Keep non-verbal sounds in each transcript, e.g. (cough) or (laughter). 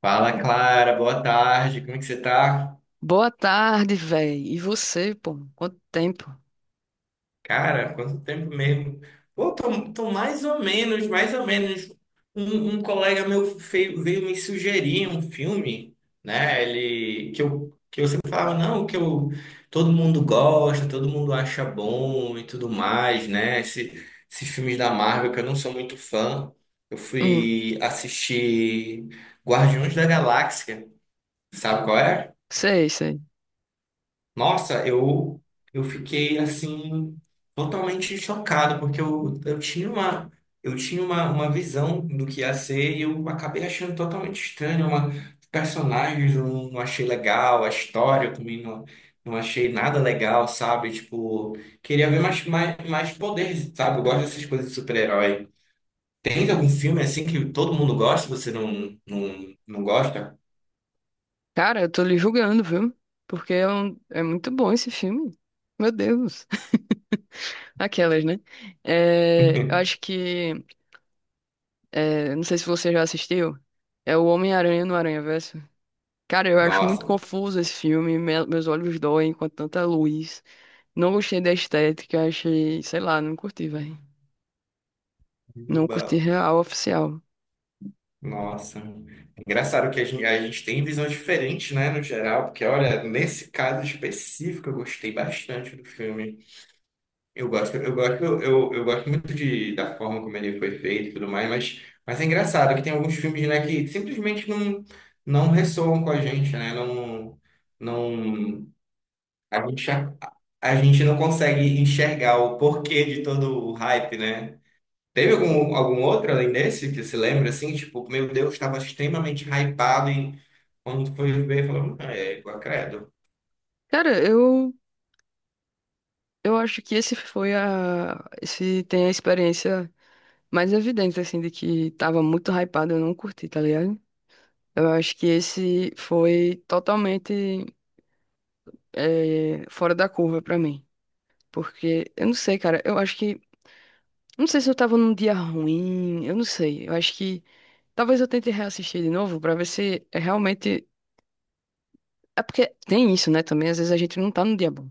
Fala, Clara, boa tarde, como é que você tá? Boa tarde, véi. E você, pô? Quanto tempo? Cara, quanto tempo mesmo? Pô, tô mais ou menos, mais ou menos. Um colega meu veio me sugerir um filme, né? Ele, que eu falava, não, que eu, todo mundo gosta, todo mundo acha bom e tudo mais, né? Esses filmes da Marvel que eu não sou muito fã. Eu Hum, fui assistir Guardiões da Galáxia, sabe qual é? sei, sei. Nossa, eu, fiquei assim totalmente chocado, porque eu, uma visão do que ia ser e eu acabei achando totalmente estranho. Os personagens eu não achei legal, a história eu também não achei nada legal, sabe? Tipo, queria ver mais, mais, mais poder, sabe? Eu gosto dessas coisas de super-herói. Tem algum filme assim que todo mundo gosta, e você não, não gosta? Cara, eu tô lhe julgando, viu? Porque é muito bom esse filme. Meu Deus. (laughs) Aquelas, né? É, eu acho (laughs) que. É, não sei se você já assistiu. É o Homem-Aranha no Aranhaverso. Cara, eu acho muito Nossa. confuso esse filme. Meus olhos doem com tanta luz. Não gostei da estética. Achei. Sei lá, não curti, velho. Não curti real, oficial. Nossa, engraçado que a gente, tem visões diferentes, né, no geral, porque olha, nesse caso específico eu gostei bastante do filme. Eu gosto muito da forma como ele foi feito e tudo mais, mas, é engraçado que tem alguns filmes, né, que simplesmente não ressoam com a gente, né? Não, não, a gente, a, a gente não consegue enxergar o porquê de todo o hype, né? Teve algum outro além desse que se lembra assim? Tipo, meu Deus, estava extremamente hypado e quando foi ver, falou, é igual credo." Cara, eu. Eu acho que esse foi a. Esse tem a experiência mais evidente, assim, de que tava muito hypado, eu não curti, tá ligado? Eu acho que esse foi totalmente fora da curva pra mim. Porque, eu não sei, cara, eu acho que. não sei se eu tava num dia ruim, eu não sei. Eu acho que. Talvez eu tente reassistir de novo pra ver se é realmente. É porque tem isso, né? Também, às vezes a gente não tá no dia bom.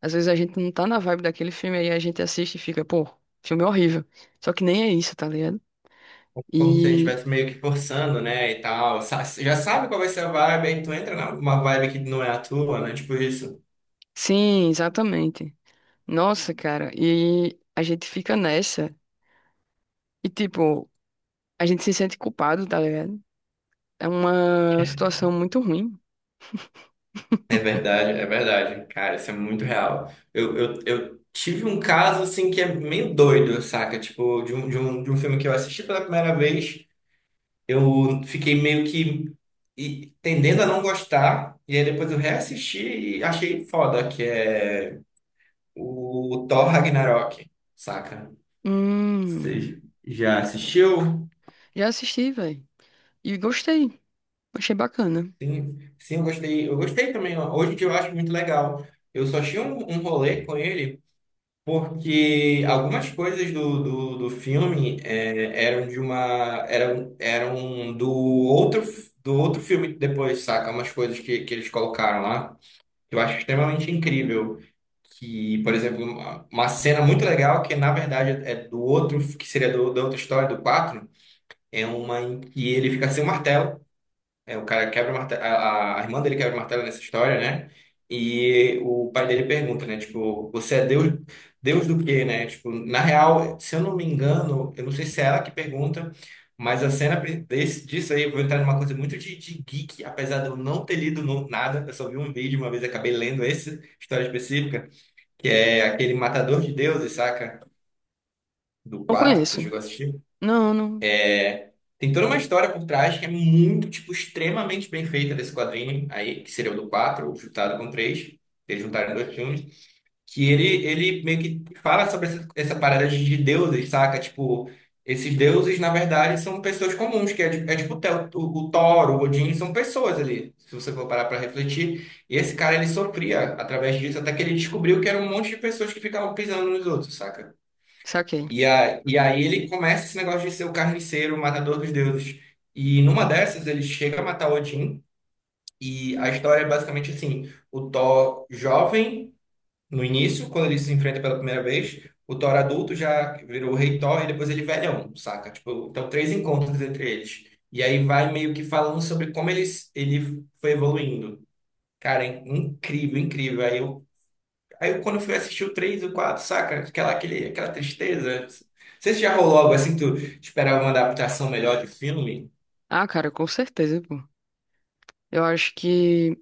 Às vezes a gente não tá na vibe daquele filme, aí a gente assiste e fica, pô, filme horrível. Só que nem é isso, tá ligado? Como se a gente E estivesse meio que forçando, né? E tal. Já sabe qual vai ser a vibe, aí tu entra numa vibe que não é a tua, né? Tipo isso. sim, exatamente. Nossa, cara, e a gente fica nessa e tipo, a gente se sente culpado, tá ligado? É uma situação muito ruim. É verdade, é verdade. Cara, isso é muito real. Eu tive um caso assim que é meio doido, saca? Tipo, de um filme que eu assisti pela primeira vez. Eu fiquei meio que tendendo a não gostar, e aí depois eu reassisti e achei foda, que é o Thor Ragnarok, saca? Hum, Você já assistiu? já assisti, velho. E gostei. Achei bacana. Sim, sim, eu gostei. Eu gostei também. Hoje em dia eu acho muito legal. Eu só tinha um, rolê com ele porque algumas coisas do filme eram eram do outro filme depois, saca? Umas coisas que, eles colocaram lá. Eu acho extremamente incrível que, por exemplo, uma cena muito legal que na verdade é do outro, que seria da outra história, do 4 é uma em que ele fica sem o martelo. É, o cara quebra o martelo, a irmã dele quebra o martelo nessa história, né? E o pai dele pergunta, né? Tipo, você é Deus, Deus do quê, né? Tipo, na real, se eu não me engano, eu não sei se é ela que pergunta, mas a cena disso aí, eu vou entrar numa coisa muito de, geek, apesar de eu não ter lido nada, eu só vi um vídeo uma vez, acabei lendo essa história específica, que é aquele Matador de Deuses, saca? Do Não 4, você conheço. chegou a assistir? Não, não. Tem toda uma história por trás que é muito, tipo, extremamente bem feita desse quadrinho aí, que seria o do 4 ou juntado com 3, eles juntaram dois filmes, que ele, meio que fala sobre essa parada de deuses, saca? Tipo, esses deuses, na verdade, são pessoas comuns, que é tipo o Thor, o Odin, são pessoas ali, se você for parar pra refletir. E esse cara, ele sofria através disso, até que ele descobriu que era um monte de pessoas que ficavam pisando nos outros, saca? Saquei. E aí ele começa esse negócio de ser o carniceiro, o matador dos deuses. E numa dessas ele chega a matar Odin. E a história é basicamente assim: o Thor jovem, no início, quando ele se enfrenta pela primeira vez, o Thor adulto já virou o rei Thor e depois ele velhão, saca? Tipo, então três encontros entre eles. E aí vai meio que falando sobre como eles, ele foi evoluindo. Cara, é incrível, incrível. Aí eu, quando eu fui assistir o 3 e o 4, saca? Aquela tristeza. Não sei se já rolou algo assim, tu esperava uma adaptação melhor de filme? Ah, cara, com certeza, pô. Eu acho que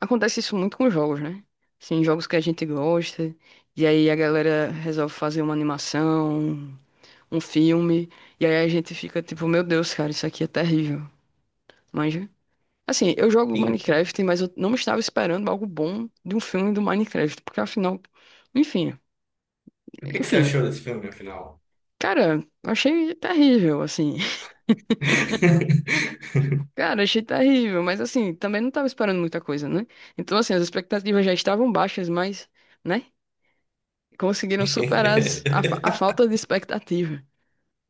Acontece isso muito com jogos, né? Sim, jogos que a gente gosta, e aí a galera resolve fazer uma animação, um filme, e aí a gente fica tipo, meu Deus, cara, isso aqui é terrível. Manja? Assim, eu jogo Sim. Minecraft, mas eu não estava esperando algo bom de um filme do Minecraft, porque afinal, enfim, O que que você enfim, achou desse filme, afinal? cara, eu achei terrível, assim. (laughs) (laughs) Cara, achei terrível, mas assim, também não estava esperando muita coisa, né? Então, assim, as expectativas já estavam baixas, mas, né, conseguiram superar a falta de expectativa.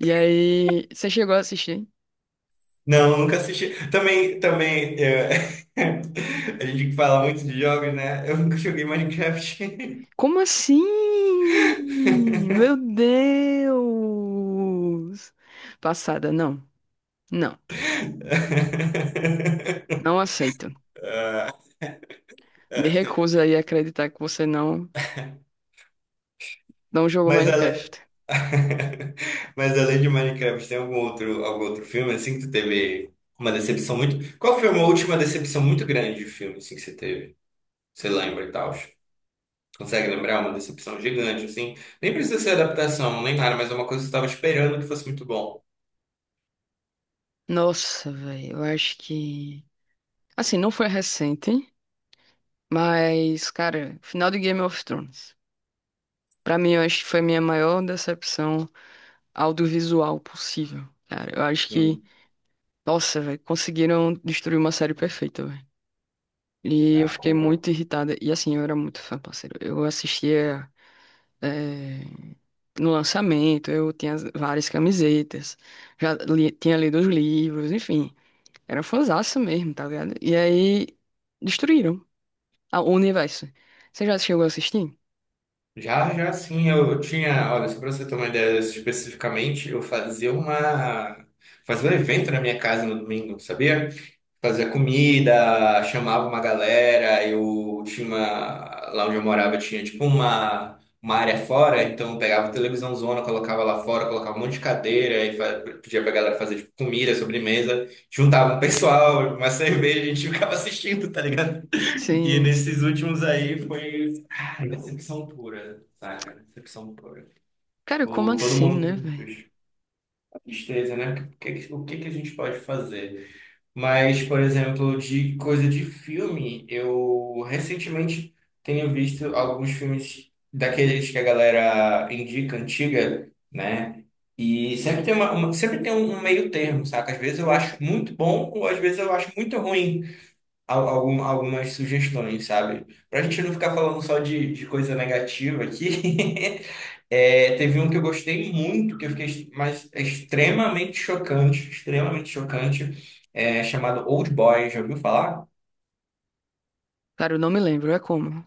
E aí, você chegou a assistir? Não, nunca assisti. Também, é, (laughs) a gente fala muito de jogos, né? Eu nunca joguei Minecraft. Como assim? Meu Deus! Passada, não. Não, (laughs) não aceito. Me recuso aí a acreditar que você não, não jogou Mas além... Minecraft. (laughs) Mas além de Minecraft, tem algum outro filme assim que tu teve uma decepção muito. Qual foi uma última decepção muito grande de filme assim que você teve? Você lembra e tal? Consegue lembrar uma decepção gigante assim? Nem precisa ser adaptação, nem nada, mas é uma coisa que você estava esperando que fosse muito bom. Nossa, velho, eu acho que. assim, não foi recente, mas, cara, final de Game of Thrones. Pra mim, eu acho que foi a minha maior decepção audiovisual possível, cara. Eu acho Hum, que Nossa, velho, conseguiram destruir uma série perfeita, velho. E eu ah, fiquei concordo. muito irritada. E assim, eu era muito fã, parceiro. Eu assistia eh, no lançamento, eu tinha várias camisetas, tinha lido os livros, enfim. Era fãzaça mesmo, tá ligado? E aí destruíram o universo. Você já chegou a assistir? Já, sim, eu tinha, olha, só para você ter uma ideia especificamente, eu fazia um evento na minha casa no domingo, sabia? Fazia comida, chamava uma galera, lá onde eu morava tinha tipo uma área fora, então eu pegava a televisão zona, colocava lá fora, colocava um monte de cadeira e pedia pra galera fazer tipo comida, sobremesa, juntava um pessoal, uma (laughs) cerveja, a gente ficava assistindo, tá ligado? E Sim, sim. nesses últimos aí foi ah, decepção pura, saca? Decepção pura. Cara, como Tipo, todo assim, né, mundo, velho? a tristeza, né? O que que a gente pode fazer? Mas, por exemplo, de coisa de filme, eu recentemente tenho visto alguns filmes daqueles que a galera indica, antiga, né? E sempre tem uma- sempre tem um meio termo, saca? Às vezes eu acho muito bom, ou às vezes eu acho muito ruim algumas sugestões, sabe? Pra gente não ficar falando só de coisa negativa aqui, (laughs) é, teve um que eu gostei muito, que eu fiquei mas é extremamente chocante, é, chamado Old Boy, já ouviu falar? Cara, eu não me lembro, é como.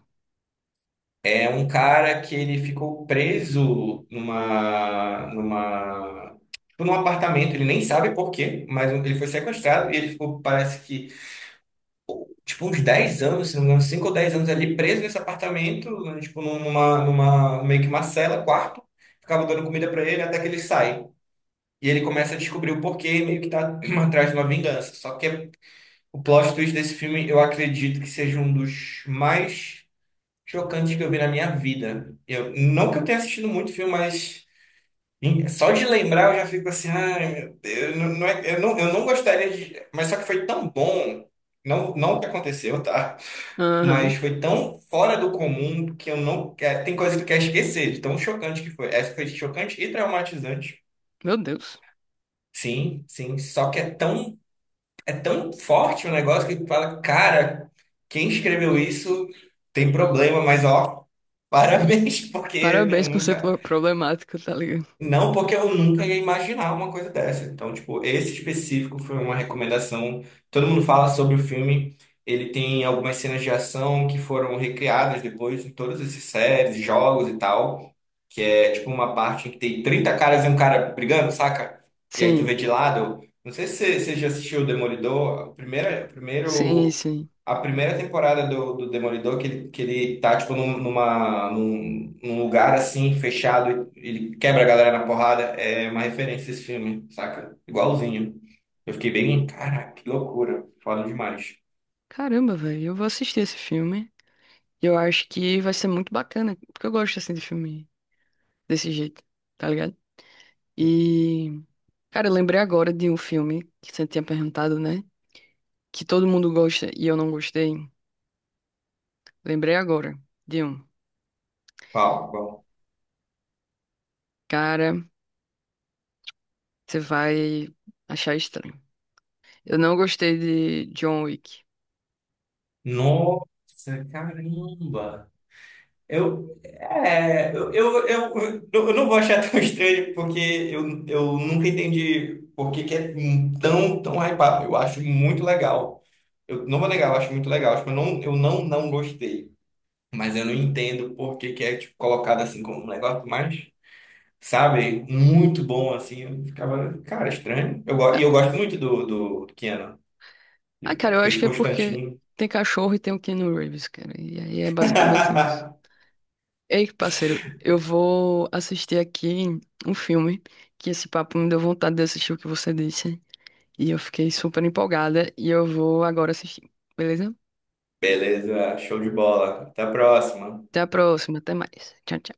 É um cara que ele ficou preso tipo, num apartamento, ele nem sabe por quê, mas ele foi sequestrado e ele ficou, parece que tipo, uns 10 anos, se não me engano, 5 ou 10 anos ali preso nesse apartamento, né, tipo, numa, meio que uma cela, quarto, ficava dando comida pra ele até que ele sai. E ele começa a descobrir o porquê e meio que tá (clears throat) atrás de uma vingança. Só que o plot twist desse filme, eu acredito que seja um dos mais chocantes que eu vi na minha vida. Eu, não que eu tenha assistido muito filme, mas só de lembrar eu já fico assim, ai meu Deus, não, eu não gostaria de. Mas só que foi tão bom, não, não o que aconteceu, tá? Mas Aham. foi tão fora do comum que eu não quero. Tem coisa que eu quero esquecer, de tão chocante que foi. Essa foi chocante e traumatizante. Meu Deus. Sim, sim. Só que é tão forte o negócio que tu fala, cara, quem escreveu isso tem problema, mas ó, parabéns, (laughs) porque eu Parabéns por ser nunca. Problemático, tá ligado? Não, porque eu nunca ia imaginar uma coisa dessa. Então, tipo, esse específico foi uma recomendação. Todo mundo fala sobre o filme. Ele tem algumas cenas de ação que foram recriadas depois em todas essas séries, jogos e tal. Que é, tipo, uma parte em que tem 30 caras e um cara brigando, saca? E aí tu vê Sim. de lado. Não sei se você já assistiu o Demolidor. O Sim, primeiro sim. a primeira temporada do Demolidor, que ele tá, tipo, num lugar, assim, fechado, e ele quebra a galera na porrada, é uma referência a esse filme, saca? Igualzinho. Eu fiquei bem, caraca, que loucura. Foda demais. Caramba, velho, eu vou assistir esse filme. E eu acho que vai ser muito bacana, porque eu gosto assim de filme desse jeito, tá ligado? E, cara, eu lembrei agora de um filme que você tinha perguntado, né? Que todo mundo gosta e eu não gostei. Lembrei agora de um. Qual? Qual? Cara, você vai achar estranho. Eu não gostei de John Wick. Nossa, caramba! Eu, é, eu não vou achar tão (laughs) estranho, porque eu nunca entendi por que que é tão hypado. Eu acho muito legal. Eu não vou negar, eu acho muito legal. Tipo, eu não gostei. Mas eu não entendo por que que é, tipo, colocado assim como um negócio mais, sabe, muito bom, assim. Eu ficava, cara, estranho. E Ah, eu gosto muito do, do Keanu. ah, Ele cara, eu acho fez que é porque Constantine. tem cachorro e tem o Keanu Reeves, cara. E aí é basicamente isso. (laughs) Ei, parceiro, eu vou assistir aqui um filme, que esse papo me deu vontade de assistir o que você disse. E eu fiquei super empolgada e eu vou agora assistir, beleza? Beleza, show de bola. Até a próxima. Até a próxima, até mais. Tchau, tchau.